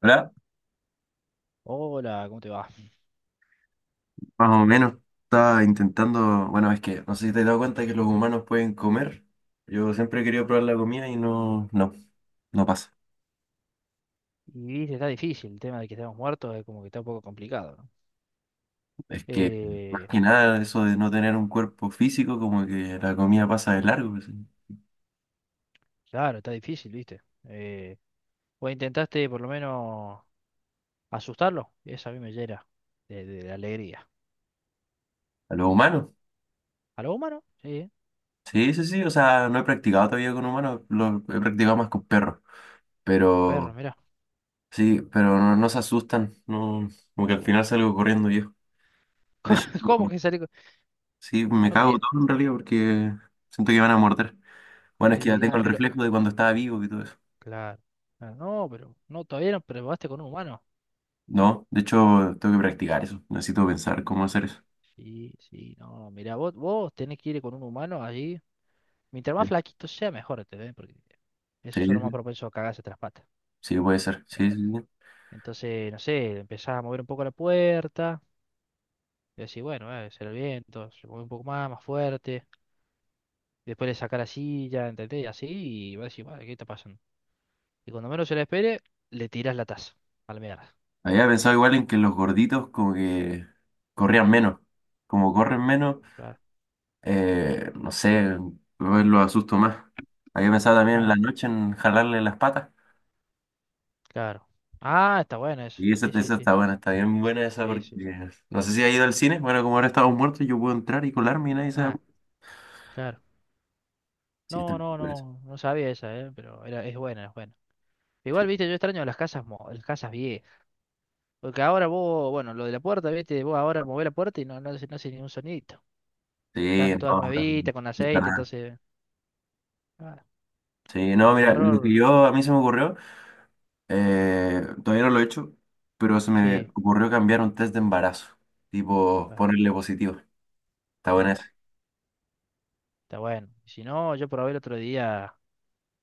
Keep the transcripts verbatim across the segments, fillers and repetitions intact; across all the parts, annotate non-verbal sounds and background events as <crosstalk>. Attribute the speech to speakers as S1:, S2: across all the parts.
S1: ¿Verdad?
S2: Hola, ¿cómo te va?
S1: Más o menos. Estaba intentando, bueno, es que no sé si te has dado cuenta que los humanos pueden comer. Yo siempre he querido probar la comida y no, no, no pasa.
S2: Y viste, está difícil el tema de que estamos muertos, es como que está un poco complicado, ¿no?
S1: Es que más
S2: Eh,
S1: que nada eso de no tener un cuerpo físico, como que la comida pasa de largo. Pues, sí.
S2: claro, está difícil, viste. Eh, vos intentaste por lo menos asustarlo, eso a mí me llena de, de- de alegría.
S1: A los humanos.
S2: ¿A lo humano? Sí, ¿eh?
S1: Sí, sí, sí. O sea, no he practicado todavía con humanos, lo he practicado más con perros.
S2: Perro,
S1: Pero
S2: mirá. <laughs>
S1: sí, pero no, no se asustan. No, como que al final salgo corriendo yo. De
S2: ¿Cómo
S1: hecho,
S2: cómo
S1: no-
S2: que salió? con-
S1: sí, me
S2: No me
S1: cago
S2: diga,
S1: todo en realidad porque siento que van a morder.
S2: no
S1: Bueno,
S2: me
S1: es que ya tengo
S2: diga,
S1: el
S2: pero.
S1: reflejo de cuando estaba vivo y todo eso.
S2: Claro, claro, no, pero no, todavía no probaste con un humano.
S1: No, de hecho, tengo que practicar eso. Necesito pensar cómo hacer eso.
S2: Sí, sí, no, mirá, vos, vos tenés que ir con un humano allí. Mientras más flaquito sea, mejor, ¿entendés? Porque
S1: Sí,
S2: eso es lo más
S1: sí,
S2: propenso a cagarse tras patas.
S1: sí, puede ser. Sí, sí, sí.
S2: Entonces, no sé, empezaba a mover un poco la puerta. Y así, bueno, eh, será el viento, se mueve un poco más, más fuerte. Después le saca la silla, ¿entendés? Y así, y va a decir, "Bueno, ¿qué está pasando?" Y cuando menos se la espere, le tirás la taza. A la mierda.
S1: Había pensado igual en que los gorditos como que corrían menos. Como corren menos,
S2: Claro,
S1: eh, no sé, lo lo asusto más. Había pensado también en la
S2: claro,
S1: noche en jalarle las patas.
S2: claro. Ah, está bueno eso.
S1: Y esa,
S2: Sí, sí,
S1: esa
S2: sí.
S1: está buena, está bien buena esa
S2: Sí,
S1: porque
S2: sí, sí.
S1: no sé si ha ido al cine. Bueno, como ahora estamos muertos, yo puedo entrar y colarme y nadie se da
S2: Ah,
S1: cuenta.
S2: claro.
S1: Sí, está
S2: No,
S1: bien.
S2: no,
S1: buena esa.
S2: no, no sabía esa, ¿eh? Pero era, es buena, es buena.
S1: Sí.
S2: Igual, viste, yo extraño las casas, mo- las casas viejas. Porque ahora vos, bueno, lo de la puerta, viste, vos ahora movés la puerta y no, no, hace no hace ningún sonidito.
S1: Sí,
S2: Están todas
S1: no, no,
S2: nuevitas, con
S1: no.
S2: aceite,
S1: No.
S2: entonces, ah,
S1: Sí, no,
S2: el
S1: mira, lo que
S2: terror,
S1: yo a mí se me ocurrió, eh, todavía no lo he hecho, pero se me
S2: sí,
S1: ocurrió cambiar un test de embarazo, tipo
S2: claro,
S1: ponerle positivo. Está buena
S2: claro,
S1: esa,
S2: está bueno. Si no, yo probé el otro día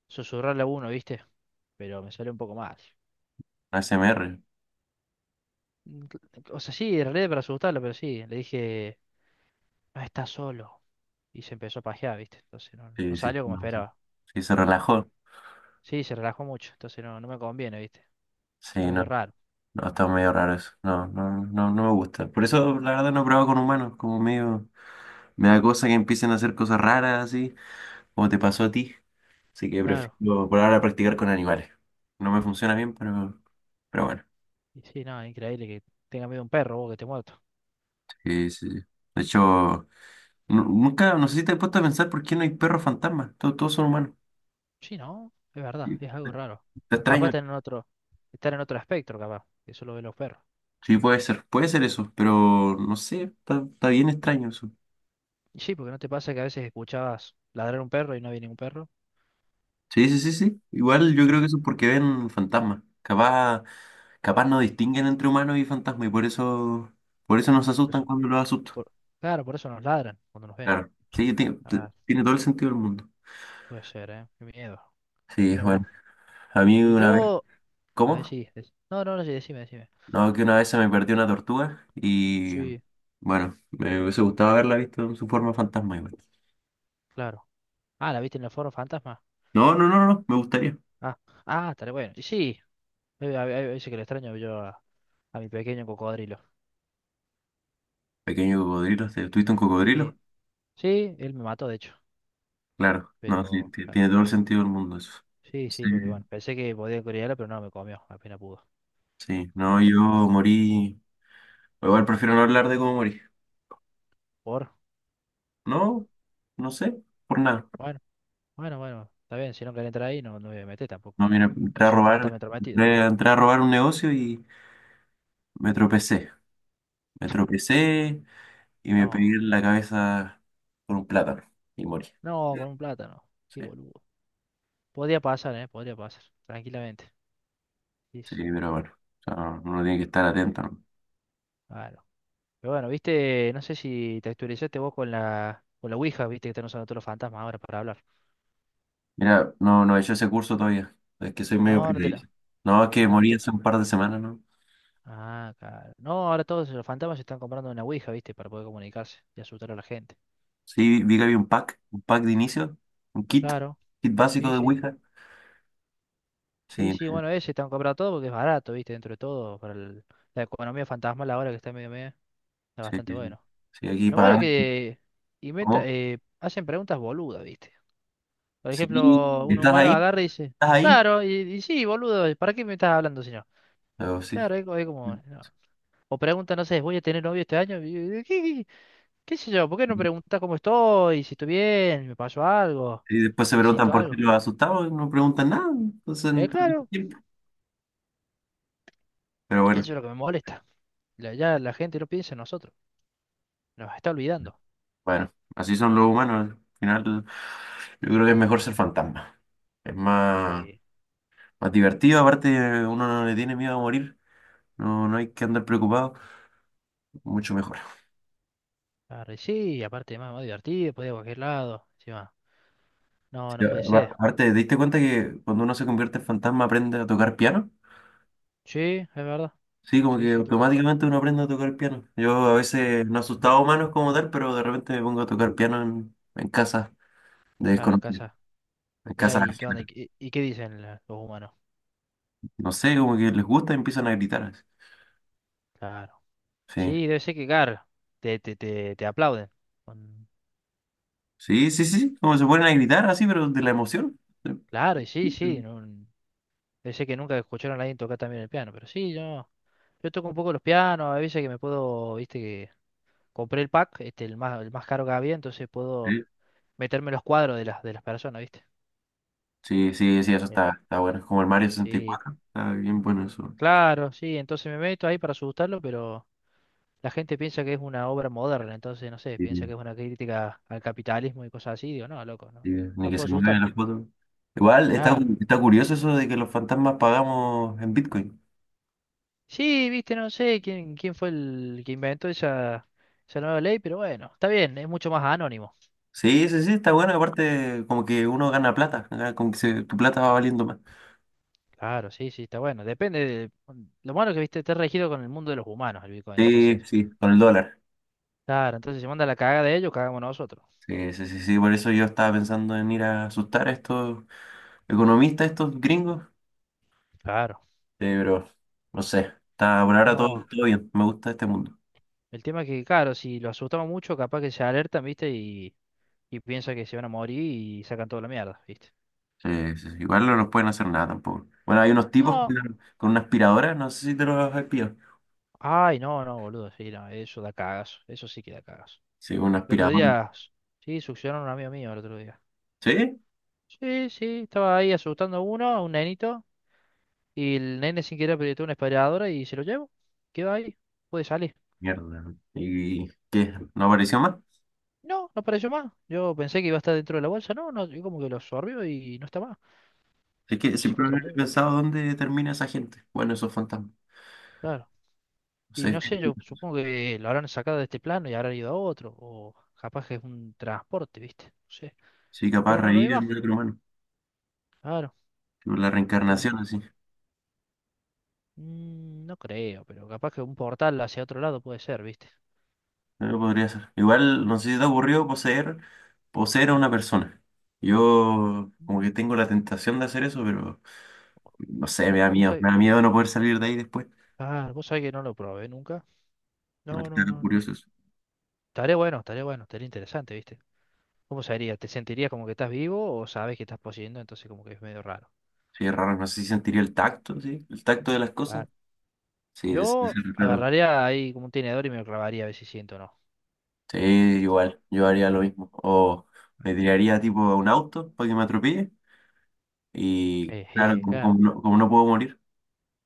S2: susurrarle a uno, ¿viste? Pero me salió un poco mal.
S1: una S M R.
S2: Mm, cl- O sea, sí, en realidad para asustarlo, pero sí, le dije, no estás solo. Y se empezó a pajear, ¿viste? Entonces no, no
S1: Sí, sí,
S2: salió como
S1: no, sí.
S2: esperaba.
S1: Sí, se relajó.
S2: Sí, se relajó mucho, entonces no, no me conviene, ¿viste? Está
S1: Sí, no,
S2: medio raro,
S1: no, está medio raro eso. No, no, no, no me gusta. Por eso, la verdad, no he probado con humanos, como medio, me da cosa que empiecen a hacer cosas raras así, como te pasó a ti. Así que
S2: claro.
S1: prefiero por ahora practicar con animales. No me funciona bien, pero, pero bueno.
S2: Y sí, no, increíble que tenga miedo a un perro, vos que te muerto.
S1: Sí, sí, sí. De hecho. Nu- nunca, no sé si te has puesto a pensar por qué no hay perros fantasmas. Todos, todos son humanos.
S2: Sí, ¿no? Es verdad,
S1: Sí.
S2: es algo raro.
S1: Está
S2: Capaz
S1: extraño.
S2: están en otro, estar en otro espectro, capaz, que solo ve los perros.
S1: Sí, puede ser, puede ser eso, pero no sé, está, está bien extraño eso.
S2: Y sí, porque no te pasa que a veces escuchabas ladrar un perro y no había ningún perro.
S1: Sí, sí, sí, sí. Igual yo creo que
S2: Entonces,
S1: eso es porque ven fantasmas. Capaz, capaz no distinguen entre humanos y fantasmas y por eso, por eso nos
S2: por
S1: asustan
S2: eso,
S1: cuando los asustan.
S2: por- claro, por eso nos ladran cuando nos ven.
S1: Claro. Sí, tiene,
S2: Ah,
S1: tiene todo el sentido del mundo.
S2: puede ser, ¿eh? Qué miedo.
S1: Sí,
S2: Mira vos.
S1: bueno. A mí
S2: Y
S1: una vez.
S2: yo, a ver
S1: ¿Cómo?
S2: si, dec- no, no, no, sí, decime, decime.
S1: No, que una vez se me perdió una tortuga y
S2: Sí,
S1: bueno, me hubiese gustado haberla visto en su forma fantasma igual.
S2: claro. Ah, ¿la viste en el foro fantasma?
S1: No, no, no, no, no, me gustaría.
S2: Ah, ah, estaré bueno. Y sí, eh, a, a- a veces que le extraño yo a, a mi pequeño cocodrilo.
S1: Pequeño cocodrilo, ¿te- tuviste un
S2: Sí,
S1: cocodrilo?
S2: sí, él me mató, de hecho,
S1: Claro, no, sí,
S2: pero...
S1: ti-
S2: claro.
S1: tiene todo el sentido del mundo eso.
S2: Sí, sí,
S1: Sí,
S2: porque bueno, pensé que podía corearla, pero no, me comió, apenas pudo.
S1: sí, no,
S2: Eh,
S1: yo morí. Igual prefiero no hablar de cómo morí.
S2: Por,
S1: No, no sé, por nada.
S2: bueno, bueno, bueno, está bien, si no quieren entrar ahí, no, no me voy a meter
S1: No,
S2: tampoco.
S1: mira, entré
S2: No
S1: a
S2: soy un
S1: robar,
S2: fantasma entrometido.
S1: entré, entré a robar un negocio y me tropecé. Me tropecé y me
S2: No,
S1: pegué en la cabeza con un plátano y morí.
S2: no, con un plátano, qué
S1: Sí.
S2: boludo. Podría pasar, eh, podría pasar, tranquilamente. Sí,
S1: Sí,
S2: sí,
S1: pero bueno, o sea, uno tiene que estar atento, ¿no?
S2: claro. Pero bueno, viste, no sé si te actualizaste vos con la, con la Ouija, viste que están usando todos los fantasmas ahora para hablar.
S1: Mira, no, no he hecho ese curso todavía. Es que soy medio
S2: No, no te la,
S1: precavido. No, es que
S2: ah, no
S1: morí
S2: te
S1: hace un par de semanas, ¿no?
S2: ah, claro. No, ahora todos los fantasmas se están comprando una Ouija, viste, para poder comunicarse y asustar a la gente.
S1: Sí, vi que había un pack, un pack de inicio, un kit,
S2: Claro,
S1: kit básico
S2: sí,
S1: de
S2: sí.
S1: Ouija.
S2: Sí,
S1: Sí,
S2: sí, bueno, ese están comprando todo porque es barato, viste, dentro de todo, para el- la economía fantasmal ahora que está medio medio, está
S1: sí,
S2: bastante
S1: sí. Sí,
S2: bueno.
S1: sí, aquí
S2: Lo malo
S1: pagando.
S2: que inventa,
S1: ¿Cómo?
S2: eh, hacen preguntas boludas, viste. Por
S1: Sí,
S2: ejemplo, un
S1: ¿estás
S2: humano
S1: ahí?
S2: agarra y dice,
S1: ¿Estás ahí?
S2: claro, y, y sí, boludo, ¿para qué me estás hablando si no?
S1: Pero sí.
S2: Claro, es, co- es como, no. O pregunta, no sé, ¿voy a tener novio este año? Y yo, ¿Qué, qué, qué sé yo? ¿Por qué no preguntas cómo estoy? Si estoy bien, me pasó algo,
S1: Y después se preguntan
S2: necesito
S1: por qué
S2: algo.
S1: los asustados, no preguntan nada. Entonces, no
S2: Eh,
S1: pierden
S2: claro,
S1: tiempo. Pero bueno,
S2: eso es lo que me molesta. La- ya la gente no piensa en nosotros, nos está olvidando.
S1: bueno, así son los humanos. Al final, yo creo que es mejor ser fantasma. Es más.
S2: Sí,
S1: Más divertido, aparte uno no le tiene miedo a morir, no, no hay que andar preocupado, mucho mejor.
S2: arre, sí, aparte más, más divertido, puede ir a cualquier lado, encima. No,
S1: Sí,
S2: no
S1: a-
S2: puede ser.
S1: aparte, ¿te diste cuenta que cuando uno se convierte en fantasma aprende a tocar piano?
S2: Sí, es verdad.
S1: Sí, como
S2: Sí,
S1: que
S2: sí, toca.
S1: automáticamente uno aprende a tocar piano. Yo a
S2: Eh,
S1: veces no asustaba a humanos como tal, pero de repente me pongo a tocar piano en, en casa de
S2: Claro, en
S1: desconocidos,
S2: casa.
S1: en
S2: Mirá,
S1: casa
S2: ¿y qué onda? ¿Y,
S1: ajena.
S2: qué y qué dicen la- los humanos?
S1: No sé, como que les gusta y empiezan a gritar. así.
S2: Claro.
S1: Sí,
S2: Sí, debe ser que, claro, te, te, te, te aplauden. Con-
S1: sí, sí, sí, sí, como se ponen a gritar así, pero de la emoción. Sí.
S2: Claro, y sí, sí. no- debe ser que nunca escucharon a alguien tocar también el piano, pero sí, yo, yo toco un poco los pianos, a veces que me puedo, viste, que compré el pack, este, el más, el más caro que había, entonces puedo
S1: Sí,
S2: meterme en los cuadros de las, de las personas, viste.
S1: sí, sí, sí, eso
S2: Bien.
S1: está, está bueno. Es como el Mario
S2: Sí.
S1: sesenta y cuatro. Está bien bueno eso.
S2: Claro, sí, entonces me meto ahí para asustarlo, pero la gente piensa que es una obra moderna, entonces no sé,
S1: Sí,
S2: piensa que es una crítica al capitalismo y cosas así, digo, no, loco,
S1: sí,
S2: no,
S1: ni
S2: no
S1: que
S2: puedo
S1: se mueven
S2: asustarlo.
S1: las fotos. Igual está,
S2: Claro.
S1: está curioso eso de que los fantasmas pagamos en Bitcoin.
S2: Sí, viste, no sé quién, quién fue el que inventó esa, esa nueva ley, pero bueno, está bien, es mucho más anónimo.
S1: Sí, sí, sí, está bueno. Aparte, como que uno gana plata, gana como que se- tu plata va valiendo más.
S2: Claro, sí, sí, está bueno. Depende de, lo malo es que viste, está regido con el mundo de los humanos el Bitcoin,
S1: Sí,
S2: entonces,
S1: sí, con el dólar.
S2: claro, entonces si se manda la cagada de ellos, cagamos nosotros.
S1: Sí, sí, sí, sí. Por eso yo estaba pensando en ir a asustar a estos economistas, estos gringos. Sí,
S2: Claro.
S1: pero no sé. Está por ahora todo,
S2: No,
S1: todo bien. Me gusta este mundo.
S2: el tema es que, claro, si lo asustamos mucho, capaz que se alertan, viste, y y piensa que se van a morir y sacan toda la mierda, ¿viste?
S1: Eh, sí, sí, igual no nos pueden hacer nada tampoco. Bueno, hay unos tipos con,
S2: No,
S1: una con una aspiradora, no sé si te los has pillado.
S2: ay, no, no, boludo, sí, no, eso da cagazo, eso sí que da cagazo.
S1: Sí, una
S2: El otro
S1: aspiradora.
S2: día, s- sí, succionaron a un amigo mío el otro día.
S1: ¿Sí?
S2: Sí, sí, estaba ahí asustando a uno, a un nenito, y el nene sin querer apretó una aspiradora y se lo llevo, quedó ahí, puede salir.
S1: Mierda. ¿Y qué? ¿No apareció más?
S2: No, no apareció más. Yo pensé que iba a estar dentro de la bolsa, no, no, yo como que lo absorbió y no está más.
S1: Es que
S2: No sé si fue a
S1: siempre
S2: otro
S1: he
S2: mundo.
S1: pensado dónde termina esa gente. Bueno, esos fantasmas.
S2: Claro.
S1: No
S2: Y
S1: sé,
S2: no sé, yo supongo que lo habrán sacado de este plano y habrán ido a otro, o capaz que es un transporte, ¿viste? No sé,
S1: sí, capaz
S2: pero no lo ve
S1: reír
S2: más,
S1: en el otro humano.
S2: claro,
S1: Tipo, la
S2: pero
S1: reencarnación, así.
S2: mm, no creo, pero capaz que un portal hacia otro lado puede ser, ¿viste?
S1: Eh, podría ser. Igual, no sé si te ha ocurrido poseer, poseer a una persona. Yo como que
S2: Mm,
S1: tengo la tentación de hacer eso, pero no sé, me
S2: vo-
S1: da
S2: Vos
S1: miedo.
S2: sabés,
S1: Me da miedo no poder salir de ahí después.
S2: ah, vos sabés que no lo probé nunca.
S1: No,
S2: No,
S1: que
S2: no,
S1: tan
S2: no, no.
S1: curioso.
S2: Estaría bueno, estaría bueno, estaría interesante, ¿viste? ¿Cómo sería? ¿Te sentirías como que estás vivo o sabes que estás poseyendo? Entonces como que es medio raro.
S1: Sí, es raro, no sé si sentiría el tacto, sí, el tacto de las cosas.
S2: Claro.
S1: Sí, es, es
S2: Yo
S1: raro.
S2: agarraría ahí como un tenedor y me lo clavaría a ver si siento o no,
S1: Sí,
S2: ¿viste? <laughs>
S1: igual, yo haría lo mismo. O me tiraría tipo a un auto para que me atropelle. Y
S2: Eh,
S1: claro,
S2: eh,
S1: como, como
S2: claro.
S1: no, como no puedo morir.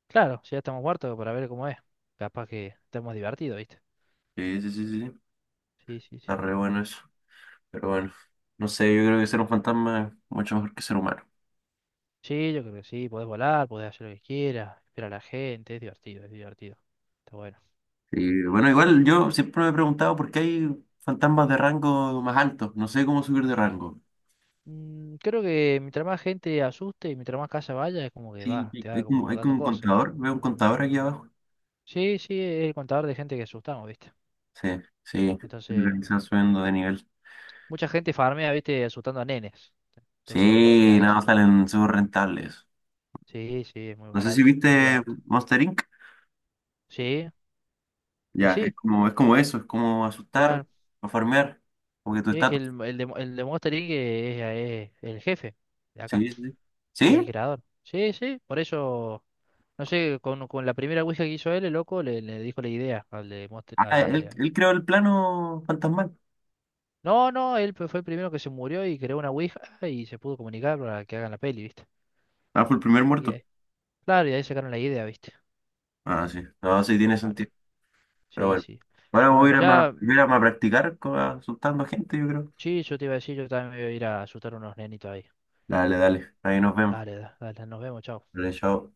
S2: Claro, si ya estamos muertos para ver cómo es. Capaz que estamos divertidos, ¿viste?
S1: Sí, sí, sí, sí, sí.
S2: Sí, sí, sí.
S1: Está re bueno eso. Pero bueno, no sé, yo creo que ser un fantasma es mucho mejor que ser humano.
S2: Sí, yo creo que sí. Podés volar, podés hacer lo que quieras, esperar a la gente. Es divertido, es divertido. Está bueno.
S1: Y bueno, igual yo siempre me he preguntado por qué hay fantasmas de rango más altos. No sé cómo subir de rango.
S2: Mm, creo que mientras más gente asuste y mientras más casa vaya, es como que
S1: Sí,
S2: va,
S1: hay,
S2: te va
S1: hay como,
S2: como
S1: hay como
S2: dando
S1: un
S2: cosas, ¿viste?
S1: contador, veo un contador aquí abajo.
S2: Sí, sí, es el contador de gente que asustamos, ¿viste?
S1: Sí, sí,
S2: Entonces,
S1: organizan subiendo de nivel.
S2: mucha gente farmea, ¿viste? Asustando a nenes. Entonces, de
S1: Sí,
S2: ahí
S1: nada,
S2: sube.
S1: salen súper rentables.
S2: Sí, sí, es muy
S1: No sé si
S2: barato,
S1: viste
S2: es muy barato.
S1: Monster inc.
S2: Sí, y
S1: Ya, es
S2: sí,
S1: como, es como eso, es como asustar
S2: claro.
S1: o farmear, porque que tu
S2: Sí, que
S1: estatus.
S2: el, el de, el de Monster inc es, es el jefe de acá,
S1: Sí, sí. ¿Sí?
S2: es el
S1: ¿Sí?
S2: creador. Sí, sí, por eso, no sé, con, con la primera Ouija que hizo él, el loco le, le dijo la idea al de Monster, al
S1: Ah, él,
S2: de...
S1: él creó el plano fantasmal.
S2: No, no, él fue el primero que se murió y creó una Ouija y se pudo comunicar para que hagan la peli, ¿viste?
S1: Ah, fue el primer
S2: Y
S1: muerto.
S2: ahí- claro, y ahí sacaron la idea, ¿viste?
S1: Ah, sí. No, sí tiene
S2: Claro,
S1: sentido. Pero
S2: sí,
S1: bueno.
S2: sí.
S1: Ahora
S2: Pero
S1: voy a
S2: bueno,
S1: ir a, ma-
S2: ya,
S1: voy a, ir a ma- practicar co- asustando a gente, yo creo.
S2: sí, yo te iba a decir, yo también me voy a ir a asustar a unos nenitos ahí.
S1: Dale, dale. Ahí nos vemos.
S2: Dale, da- dale, nos vemos, chao.
S1: Dale, chao.